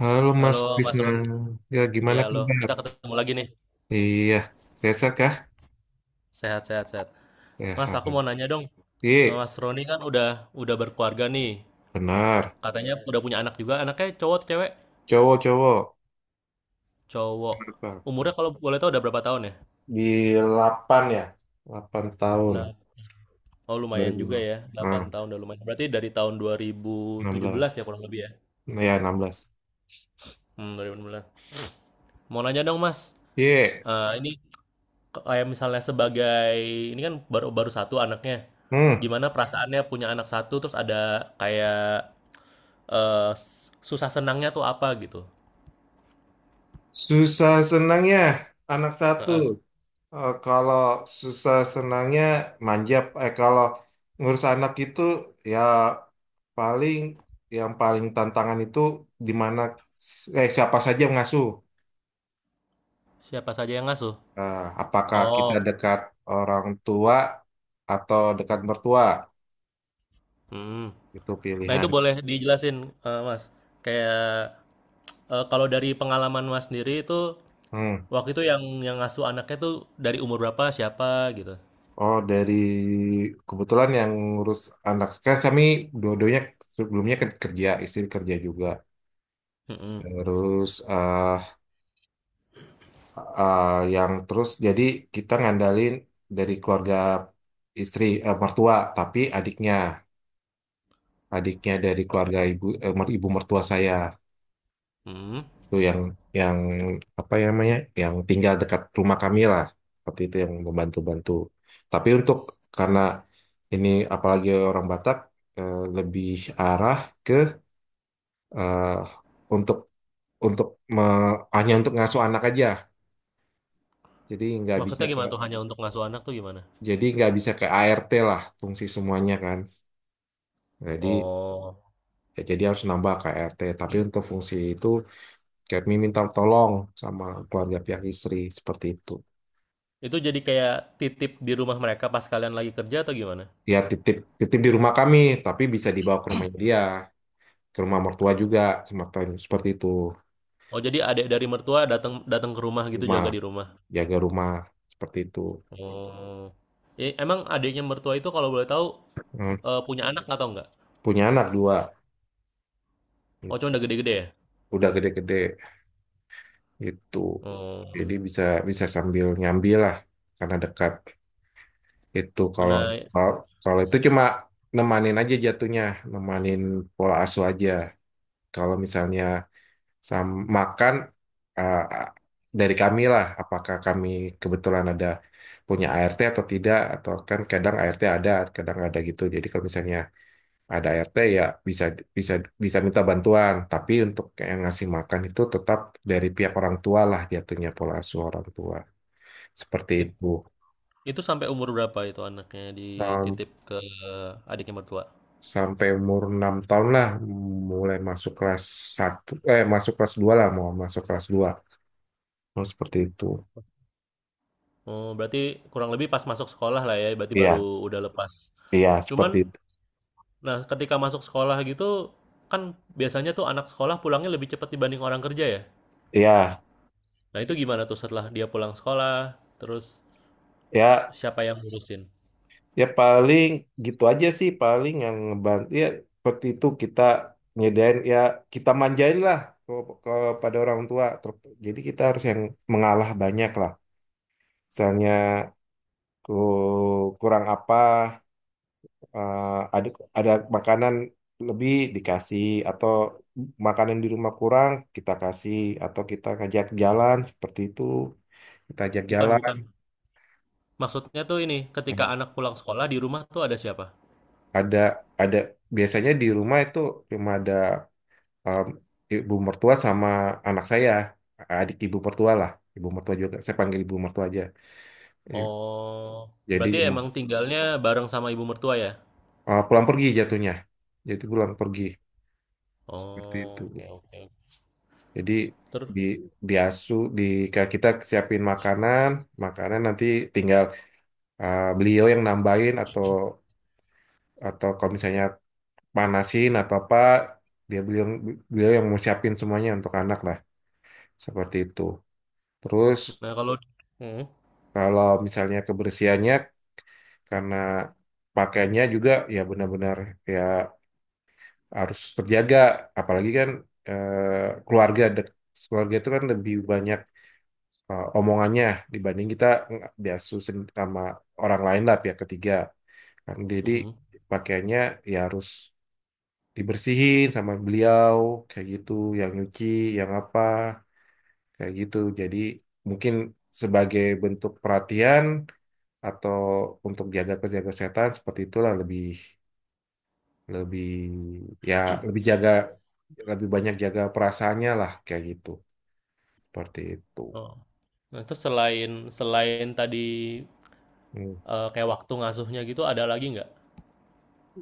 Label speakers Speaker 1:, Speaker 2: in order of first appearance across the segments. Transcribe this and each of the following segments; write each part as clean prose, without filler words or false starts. Speaker 1: Halo
Speaker 2: Halo
Speaker 1: Mas
Speaker 2: Mas
Speaker 1: Krisna,
Speaker 2: Roni,
Speaker 1: ya
Speaker 2: ya
Speaker 1: gimana
Speaker 2: halo,
Speaker 1: kabar?
Speaker 2: kita ketemu lagi nih.
Speaker 1: Iya, sehat-sehat kah?
Speaker 2: Sehat, sehat, sehat. Mas,
Speaker 1: Sehat.
Speaker 2: aku mau nanya dong,
Speaker 1: Iya,
Speaker 2: Mas Roni kan udah berkeluarga nih,
Speaker 1: benar.
Speaker 2: katanya udah punya anak juga, anaknya cowok atau cewek?
Speaker 1: Cowok-cowok.
Speaker 2: Cowok.
Speaker 1: Kenapa?
Speaker 2: Umurnya kalau boleh tahu udah berapa tahun ya?
Speaker 1: Di Delapan ya? 8 tahun.
Speaker 2: Lah, oh lumayan juga
Speaker 1: 2006.
Speaker 2: ya,
Speaker 1: Nah,
Speaker 2: 8 tahun udah lumayan. Berarti dari tahun
Speaker 1: 16.
Speaker 2: 2017 ya kurang lebih ya?
Speaker 1: Nah, ya, 16.
Speaker 2: Hmm, 2016. Mau nanya dong Mas,
Speaker 1: Iya.
Speaker 2: ini kayak misalnya sebagai ini kan baru baru satu anaknya.
Speaker 1: Hmm.
Speaker 2: Gimana perasaannya punya anak satu terus ada kayak susah senangnya tuh apa gitu?
Speaker 1: Susah senangnya anak satu.
Speaker 2: Heeh.
Speaker 1: Kalau susah senangnya manjap. Kalau ngurus anak itu, ya paling paling tantangan itu di mana, siapa saja yang mengasuh.
Speaker 2: Siapa saja yang ngasuh?
Speaker 1: Apakah kita
Speaker 2: Oh,
Speaker 1: dekat orang tua atau dekat mertua?
Speaker 2: hmm.
Speaker 1: Itu
Speaker 2: Nah itu
Speaker 1: pilihan.
Speaker 2: boleh dijelasin, Mas. Kayak kalau dari pengalaman Mas sendiri itu
Speaker 1: Hmm.
Speaker 2: waktu itu yang ngasuh anaknya tuh dari umur berapa, siapa gitu?
Speaker 1: Oh, kebetulan yang ngurus anak kan kami dua-duanya, sebelumnya kan kerja, istri kerja juga.
Speaker 2: Mm. Mm-mm.
Speaker 1: Terus, eh eh, yang terus jadi kita ngandalin dari keluarga istri, mertua, tapi adiknya adiknya dari keluarga ibu, ibu mertua saya
Speaker 2: Mm.
Speaker 1: tuh yang apa ya namanya, yang tinggal dekat rumah kami lah, seperti itu yang membantu-bantu. Tapi untuk, karena ini, apalagi orang Batak, lebih arah ke, eh, untuk untuk hanya untuk ngasuh anak aja. Jadi nggak bisa
Speaker 2: Maksudnya
Speaker 1: ke
Speaker 2: gimana tuh hanya untuk ngasuh anak tuh gimana?
Speaker 1: jadi nggak bisa ke ART lah, fungsi semuanya kan, jadi
Speaker 2: Oh.
Speaker 1: ya jadi harus nambah ke ART, tapi untuk fungsi itu kami minta tolong sama keluarga pihak istri, seperti itu.
Speaker 2: Itu jadi kayak titip di rumah mereka pas kalian lagi kerja atau gimana?
Speaker 1: Ya, titip titip di rumah kami, tapi bisa dibawa ke rumah dia, ke rumah mertua juga, semacam seperti itu.
Speaker 2: Oh, jadi adik dari mertua datang datang ke rumah gitu
Speaker 1: Rumah,
Speaker 2: jaga di rumah.
Speaker 1: jaga rumah, seperti itu.
Speaker 2: Oh. Emang adiknya mertua itu kalau boleh tahu
Speaker 1: Hmm,
Speaker 2: punya anak atau enggak?
Speaker 1: punya anak dua
Speaker 2: Oh, cuma
Speaker 1: gitu.
Speaker 2: udah gede-gede ya?
Speaker 1: Udah gede-gede itu,
Speaker 2: Oh.
Speaker 1: jadi bisa bisa sambil nyambi lah, karena dekat. Itu kalau
Speaker 2: Nah,
Speaker 1: kalau kalau itu cuma nemanin aja jatuhnya, nemanin pola asuh aja. Kalau misalnya sama makan, eh, dari kami lah, apakah kami kebetulan ada punya ART atau tidak, atau kan kadang ART ada, kadang nggak ada gitu. Jadi kalau misalnya ada ART, ya bisa bisa bisa minta bantuan, tapi untuk yang ngasih makan itu tetap dari pihak orang tua lah, jatuhnya pola asuh orang tua. Seperti
Speaker 2: it-
Speaker 1: itu.
Speaker 2: itu sampai umur berapa itu anaknya dititip ke adiknya mertua?
Speaker 1: Sampai umur 6 tahun lah, mulai masuk kelas satu, eh, masuk kelas 2 lah, mau masuk kelas 2, oh, seperti itu.
Speaker 2: Oh, berarti kurang lebih pas masuk sekolah lah ya, berarti baru
Speaker 1: Iya,
Speaker 2: udah lepas.
Speaker 1: iya,
Speaker 2: Cuman,
Speaker 1: seperti itu.
Speaker 2: nah ketika masuk sekolah gitu, kan biasanya tuh anak sekolah pulangnya lebih cepat dibanding orang kerja ya.
Speaker 1: Iya.
Speaker 2: Nah, itu gimana tuh setelah dia pulang sekolah, terus
Speaker 1: Ya,
Speaker 2: siapa yang ngurusin?
Speaker 1: ya, paling gitu aja sih, paling yang ngebantu ya, seperti itu, kita nyedain ya, kita manjain lah ke- kepada orang tua. Jadi kita harus yang mengalah banyak lah, misalnya kurang apa, eh, ada ada makanan lebih dikasih, atau makanan di rumah kurang kita kasih, atau kita ngajak jalan seperti itu, kita ajak
Speaker 2: Bukan,
Speaker 1: jalan.
Speaker 2: bukan. Maksudnya tuh ini, ketika
Speaker 1: Nah,
Speaker 2: anak pulang sekolah di rumah tuh ada siapa?
Speaker 1: ada ada biasanya di rumah itu cuma ada, em, ibu mertua sama anak saya, adik ibu mertua lah, ibu mertua juga saya panggil ibu mertua aja. I-
Speaker 2: Oh,
Speaker 1: jadi,
Speaker 2: berarti emang tinggalnya bareng sama ibu mertua ya?
Speaker 1: pulang pergi jatuhnya, jadi pulang pergi, seperti
Speaker 2: Oh,
Speaker 1: itu.
Speaker 2: oke, oke.
Speaker 1: Jadi
Speaker 2: Terus,
Speaker 1: di diasu di kayak kita siapin makanan, makanan nanti tinggal beliau yang nambahin, atau kalau misalnya panasin atau apa, dia beliau beliau yang mau siapin semuanya untuk anak lah, seperti itu. Terus
Speaker 2: nah kalau, hmm,
Speaker 1: kalau misalnya kebersihannya, karena pakainya juga ya benar-benar, ya harus terjaga, apalagi kan eh, keluarga dek- keluarga itu kan lebih banyak omongannya dibanding kita biasus sama orang lain lah, pihak ketiga kan, jadi
Speaker 2: hmm,
Speaker 1: pakaiannya ya harus dibersihin sama beliau, kayak gitu, yang nyuci, yang apa, kayak gitu. Jadi mungkin sebagai bentuk perhatian, atau untuk jaga jaga kesehatan seperti itulah, lebih lebih ya lebih jaga, lebih banyak jaga perasaannya lah, kayak gitu, seperti itu.
Speaker 2: oh. Nah, terus selain selain tadi
Speaker 1: Hmm.
Speaker 2: kayak waktu ngasuhnya gitu, ada lagi nggak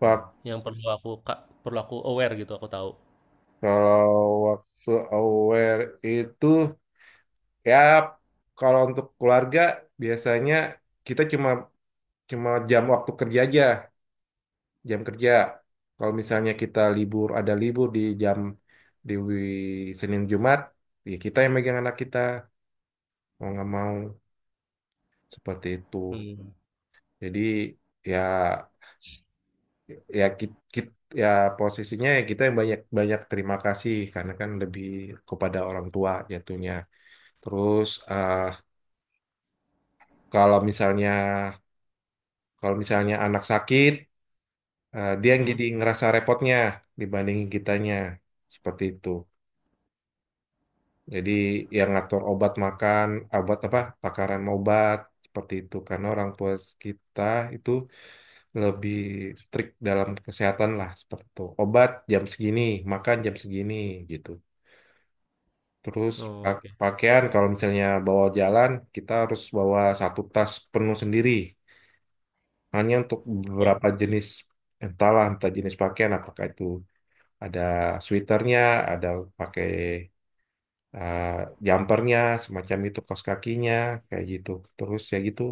Speaker 1: Pak.
Speaker 2: yang perlu aku aware gitu, aku tahu.
Speaker 1: Kalau waktu aware itu, ya kalau untuk keluarga, biasanya kita cuma cuma jam waktu kerja aja, jam kerja. Kalau misalnya kita libur, ada libur di jam, Senin Jumat, ya kita yang megang anak kita, mau nggak mau, seperti itu.
Speaker 2: Hmm,
Speaker 1: Jadi ya, ya ki- ki- ya posisinya, ya kita yang banyak banyak terima kasih, karena kan lebih kepada orang tua jatuhnya. Terus, Kalau misalnya kalau misalnya anak sakit, dia
Speaker 2: hmm,
Speaker 1: yang
Speaker 2: hmm.
Speaker 1: jadi ngerasa repotnya dibandingin kitanya. Seperti itu. Jadi yang ngatur obat makan, obat apa, takaran obat, seperti itu. Karena orang tua kita itu lebih strict dalam kesehatan lah, seperti itu. Obat jam segini, makan jam segini, gitu. Terus
Speaker 2: Oh, oke.
Speaker 1: pakaian, kalau misalnya bawa jalan, kita harus bawa satu tas penuh sendiri. Hanya untuk
Speaker 2: Oh,
Speaker 1: beberapa jenis, entahlah, entah jenis pakaian, apakah itu ada sweaternya, ada pakai eh, jumpernya, semacam itu kaos kakinya, kayak gitu. Terus ya gitu,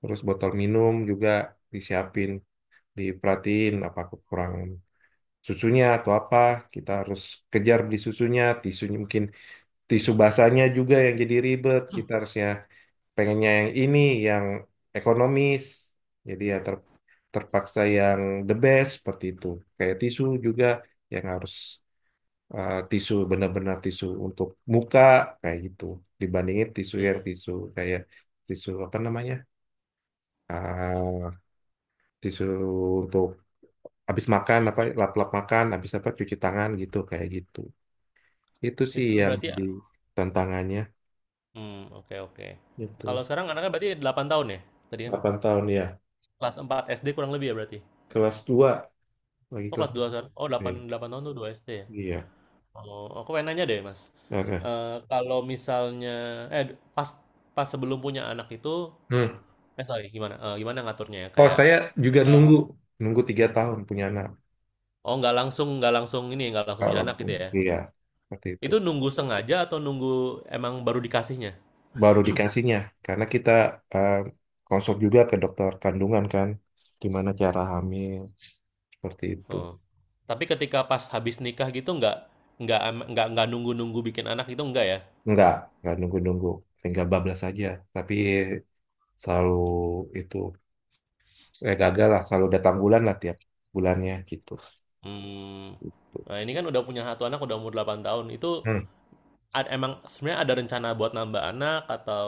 Speaker 1: terus botol minum juga disiapin, diperhatiin apa kekurangan susunya atau apa, kita harus kejar beli susunya. Tisunya mungkin, tisu basahnya juga yang jadi ribet, kita harusnya pengennya yang ini, yang ekonomis, jadi ya terpaksa yang the best, seperti itu. Kayak tisu juga yang harus, tisu benar-benar tisu untuk muka, kayak gitu, dibandingin tisu yang tisu, kayak tisu apa namanya, ah tisu untuk habis makan apa, lap-lap makan habis apa cuci tangan gitu, kayak gitu, itu sih
Speaker 2: itu
Speaker 1: yang
Speaker 2: berarti.
Speaker 1: jadi tantangannya
Speaker 2: Hmm, oke, oke. Kalau
Speaker 1: itu.
Speaker 2: sekarang anaknya berarti 8 tahun ya? Tadi kan
Speaker 1: 8 tahun ya,
Speaker 2: kelas 4 SD kurang lebih ya berarti?
Speaker 1: kelas dua, lagi
Speaker 2: Oh,
Speaker 1: kelas
Speaker 2: kelas 2 sekarang? Oh, 8
Speaker 1: iya,
Speaker 2: 8 tahun tuh 2 SD ya?
Speaker 1: iya.
Speaker 2: Oh, aku pengen nanya deh Mas,
Speaker 1: Oke.
Speaker 2: kalau misalnya eh, pas pas sebelum punya anak itu
Speaker 1: Hmm.
Speaker 2: sorry gimana, gimana ngaturnya ya?
Speaker 1: Kalau
Speaker 2: Kayak,
Speaker 1: saya juga
Speaker 2: eee,
Speaker 1: nunggu 3 tahun punya anak.
Speaker 2: oh, nggak langsung
Speaker 1: Ah,
Speaker 2: punya anak
Speaker 1: langsung,
Speaker 2: gitu ya?
Speaker 1: iya, seperti itu.
Speaker 2: Itu nunggu sengaja atau nunggu emang baru dikasihnya?
Speaker 1: Baru dikasihnya, karena kita eh, konsul juga ke dokter kandungan kan, gimana cara hamil, seperti itu.
Speaker 2: Oh. Tapi ketika pas habis nikah gitu nggak ama nggak nunggu-nunggu bikin anak gitu enggak ya?
Speaker 1: Enggak, enggak nunggu-nunggu, tinggal bablas aja. Tapi selalu itu, saya gagal lah, selalu datang bulan lah tiap bulannya gitu.
Speaker 2: Mmm, nah ini kan udah punya satu anak udah umur 8 tahun, itu
Speaker 1: Hmm.
Speaker 2: emang sebenarnya ada rencana buat nambah anak atau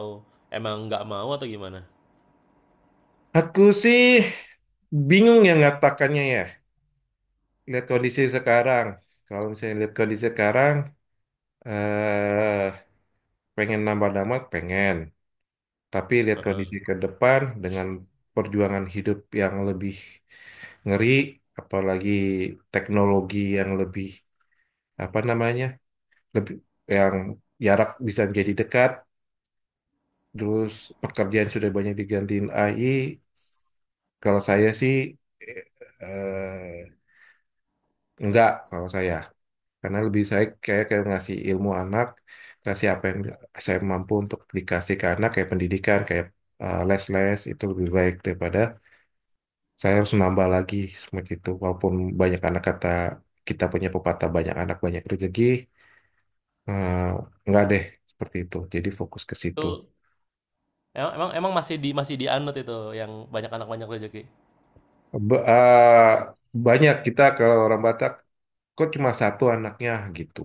Speaker 2: emang nggak mau atau gimana?
Speaker 1: Aku sih bingung ya ngatakannya ya, lihat kondisi sekarang. Kalau misalnya lihat kondisi sekarang, eh pengen nambah nama, pengen. Tapi lihat
Speaker 2: Heeh,
Speaker 1: kondisi ke depan dengan perjuangan hidup yang lebih ngeri, apalagi teknologi yang lebih apa namanya, lebih yang jarak bisa menjadi dekat. Terus pekerjaan sudah banyak digantiin AI. Kalau saya sih, eh, eh, enggak, kalau saya. Karena lebih saya kayak kayak ngasih ilmu anak, kasih apa yang saya mampu untuk dikasih ke anak, kayak pendidikan, kayak les-les, itu lebih baik daripada saya harus nambah lagi, seperti itu. Walaupun banyak anak, kata kita punya pepatah banyak anak banyak rezeki, eh, enggak deh, seperti itu. Jadi fokus ke
Speaker 2: itu
Speaker 1: situ.
Speaker 2: emang emang emang masih dianut itu yang banyak anak banyak rezeki?
Speaker 1: Ba- eh, Banyak kita, kalau orang Batak, kok cuma satu anaknya gitu,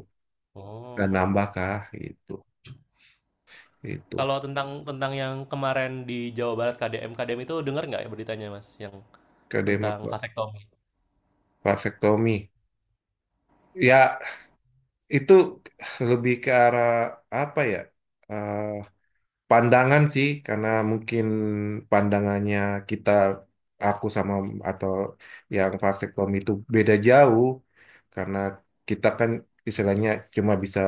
Speaker 1: dan
Speaker 2: Oh,
Speaker 1: nambah kah gitu, itu.
Speaker 2: kalau tentang tentang yang kemarin di Jawa Barat KDM KDM itu dengar nggak ya beritanya, Mas, yang
Speaker 1: Kedema
Speaker 2: tentang
Speaker 1: pak.
Speaker 2: vasektomi?
Speaker 1: Vasektomi ya, itu lebih ke arah apa ya? eh, Pandangan sih, karena mungkin pandangannya kita, aku sama atau yang vasektomi itu beda jauh, karena kita kan istilahnya cuma bisa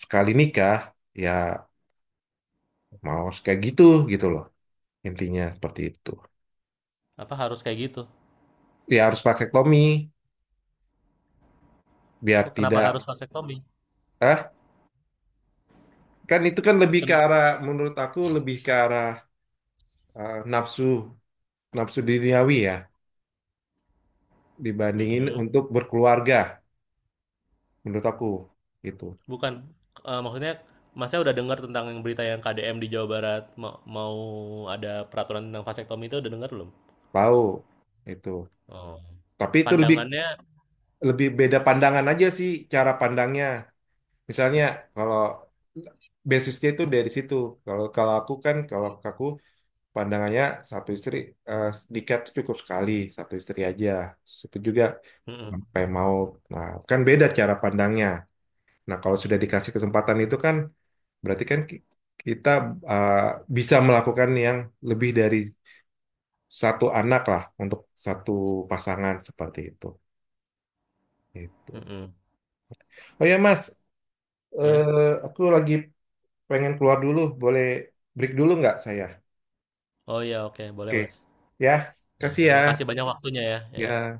Speaker 1: sekali nikah, ya mau kayak gitu gitu loh, intinya seperti itu.
Speaker 2: Apa harus kayak gitu?
Speaker 1: Ya harus vasektomi
Speaker 2: Kok
Speaker 1: biar
Speaker 2: kenapa
Speaker 1: tidak,
Speaker 2: harus vasektomi?
Speaker 1: ah kan itu kan lebih ke
Speaker 2: Ken
Speaker 1: arah, menurut aku lebih ke arah, nafsu nafsu duniawi ya, dibandingin
Speaker 2: mhm.
Speaker 1: untuk berkeluarga, menurut aku gitu.
Speaker 2: Bukan, maksudnya Masnya udah dengar tentang yang berita yang KDM di Jawa Barat mau ada peraturan tentang vasektomi itu udah dengar belum?
Speaker 1: Tahu itu,
Speaker 2: Oh.
Speaker 1: tapi itu lebih
Speaker 2: Pandangannya.
Speaker 1: lebih beda pandangan aja sih cara pandangnya. Misalnya kalau basisnya itu dari situ, kalau kalau aku kan kalau aku pandangannya satu istri, eh, nikah tuh cukup sekali, satu istri aja, itu juga
Speaker 2: Mhm.
Speaker 1: sampai mau. Nah kan beda cara pandangnya. Nah kalau sudah dikasih kesempatan itu kan, berarti kan kita, eh, bisa melakukan yang lebih dari satu anak lah untuk satu pasangan, seperti itu. Itu.
Speaker 2: Mhm.
Speaker 1: Oh ya Mas,
Speaker 2: Iya?
Speaker 1: aku lagi pengen keluar dulu. Boleh break dulu nggak saya?
Speaker 2: Oh, ya, oke boleh
Speaker 1: Oke.
Speaker 2: Mas.
Speaker 1: Ya,
Speaker 2: Ya,
Speaker 1: kasih ya.
Speaker 2: terima kasih banyak waktunya ya, iya.
Speaker 1: Ya.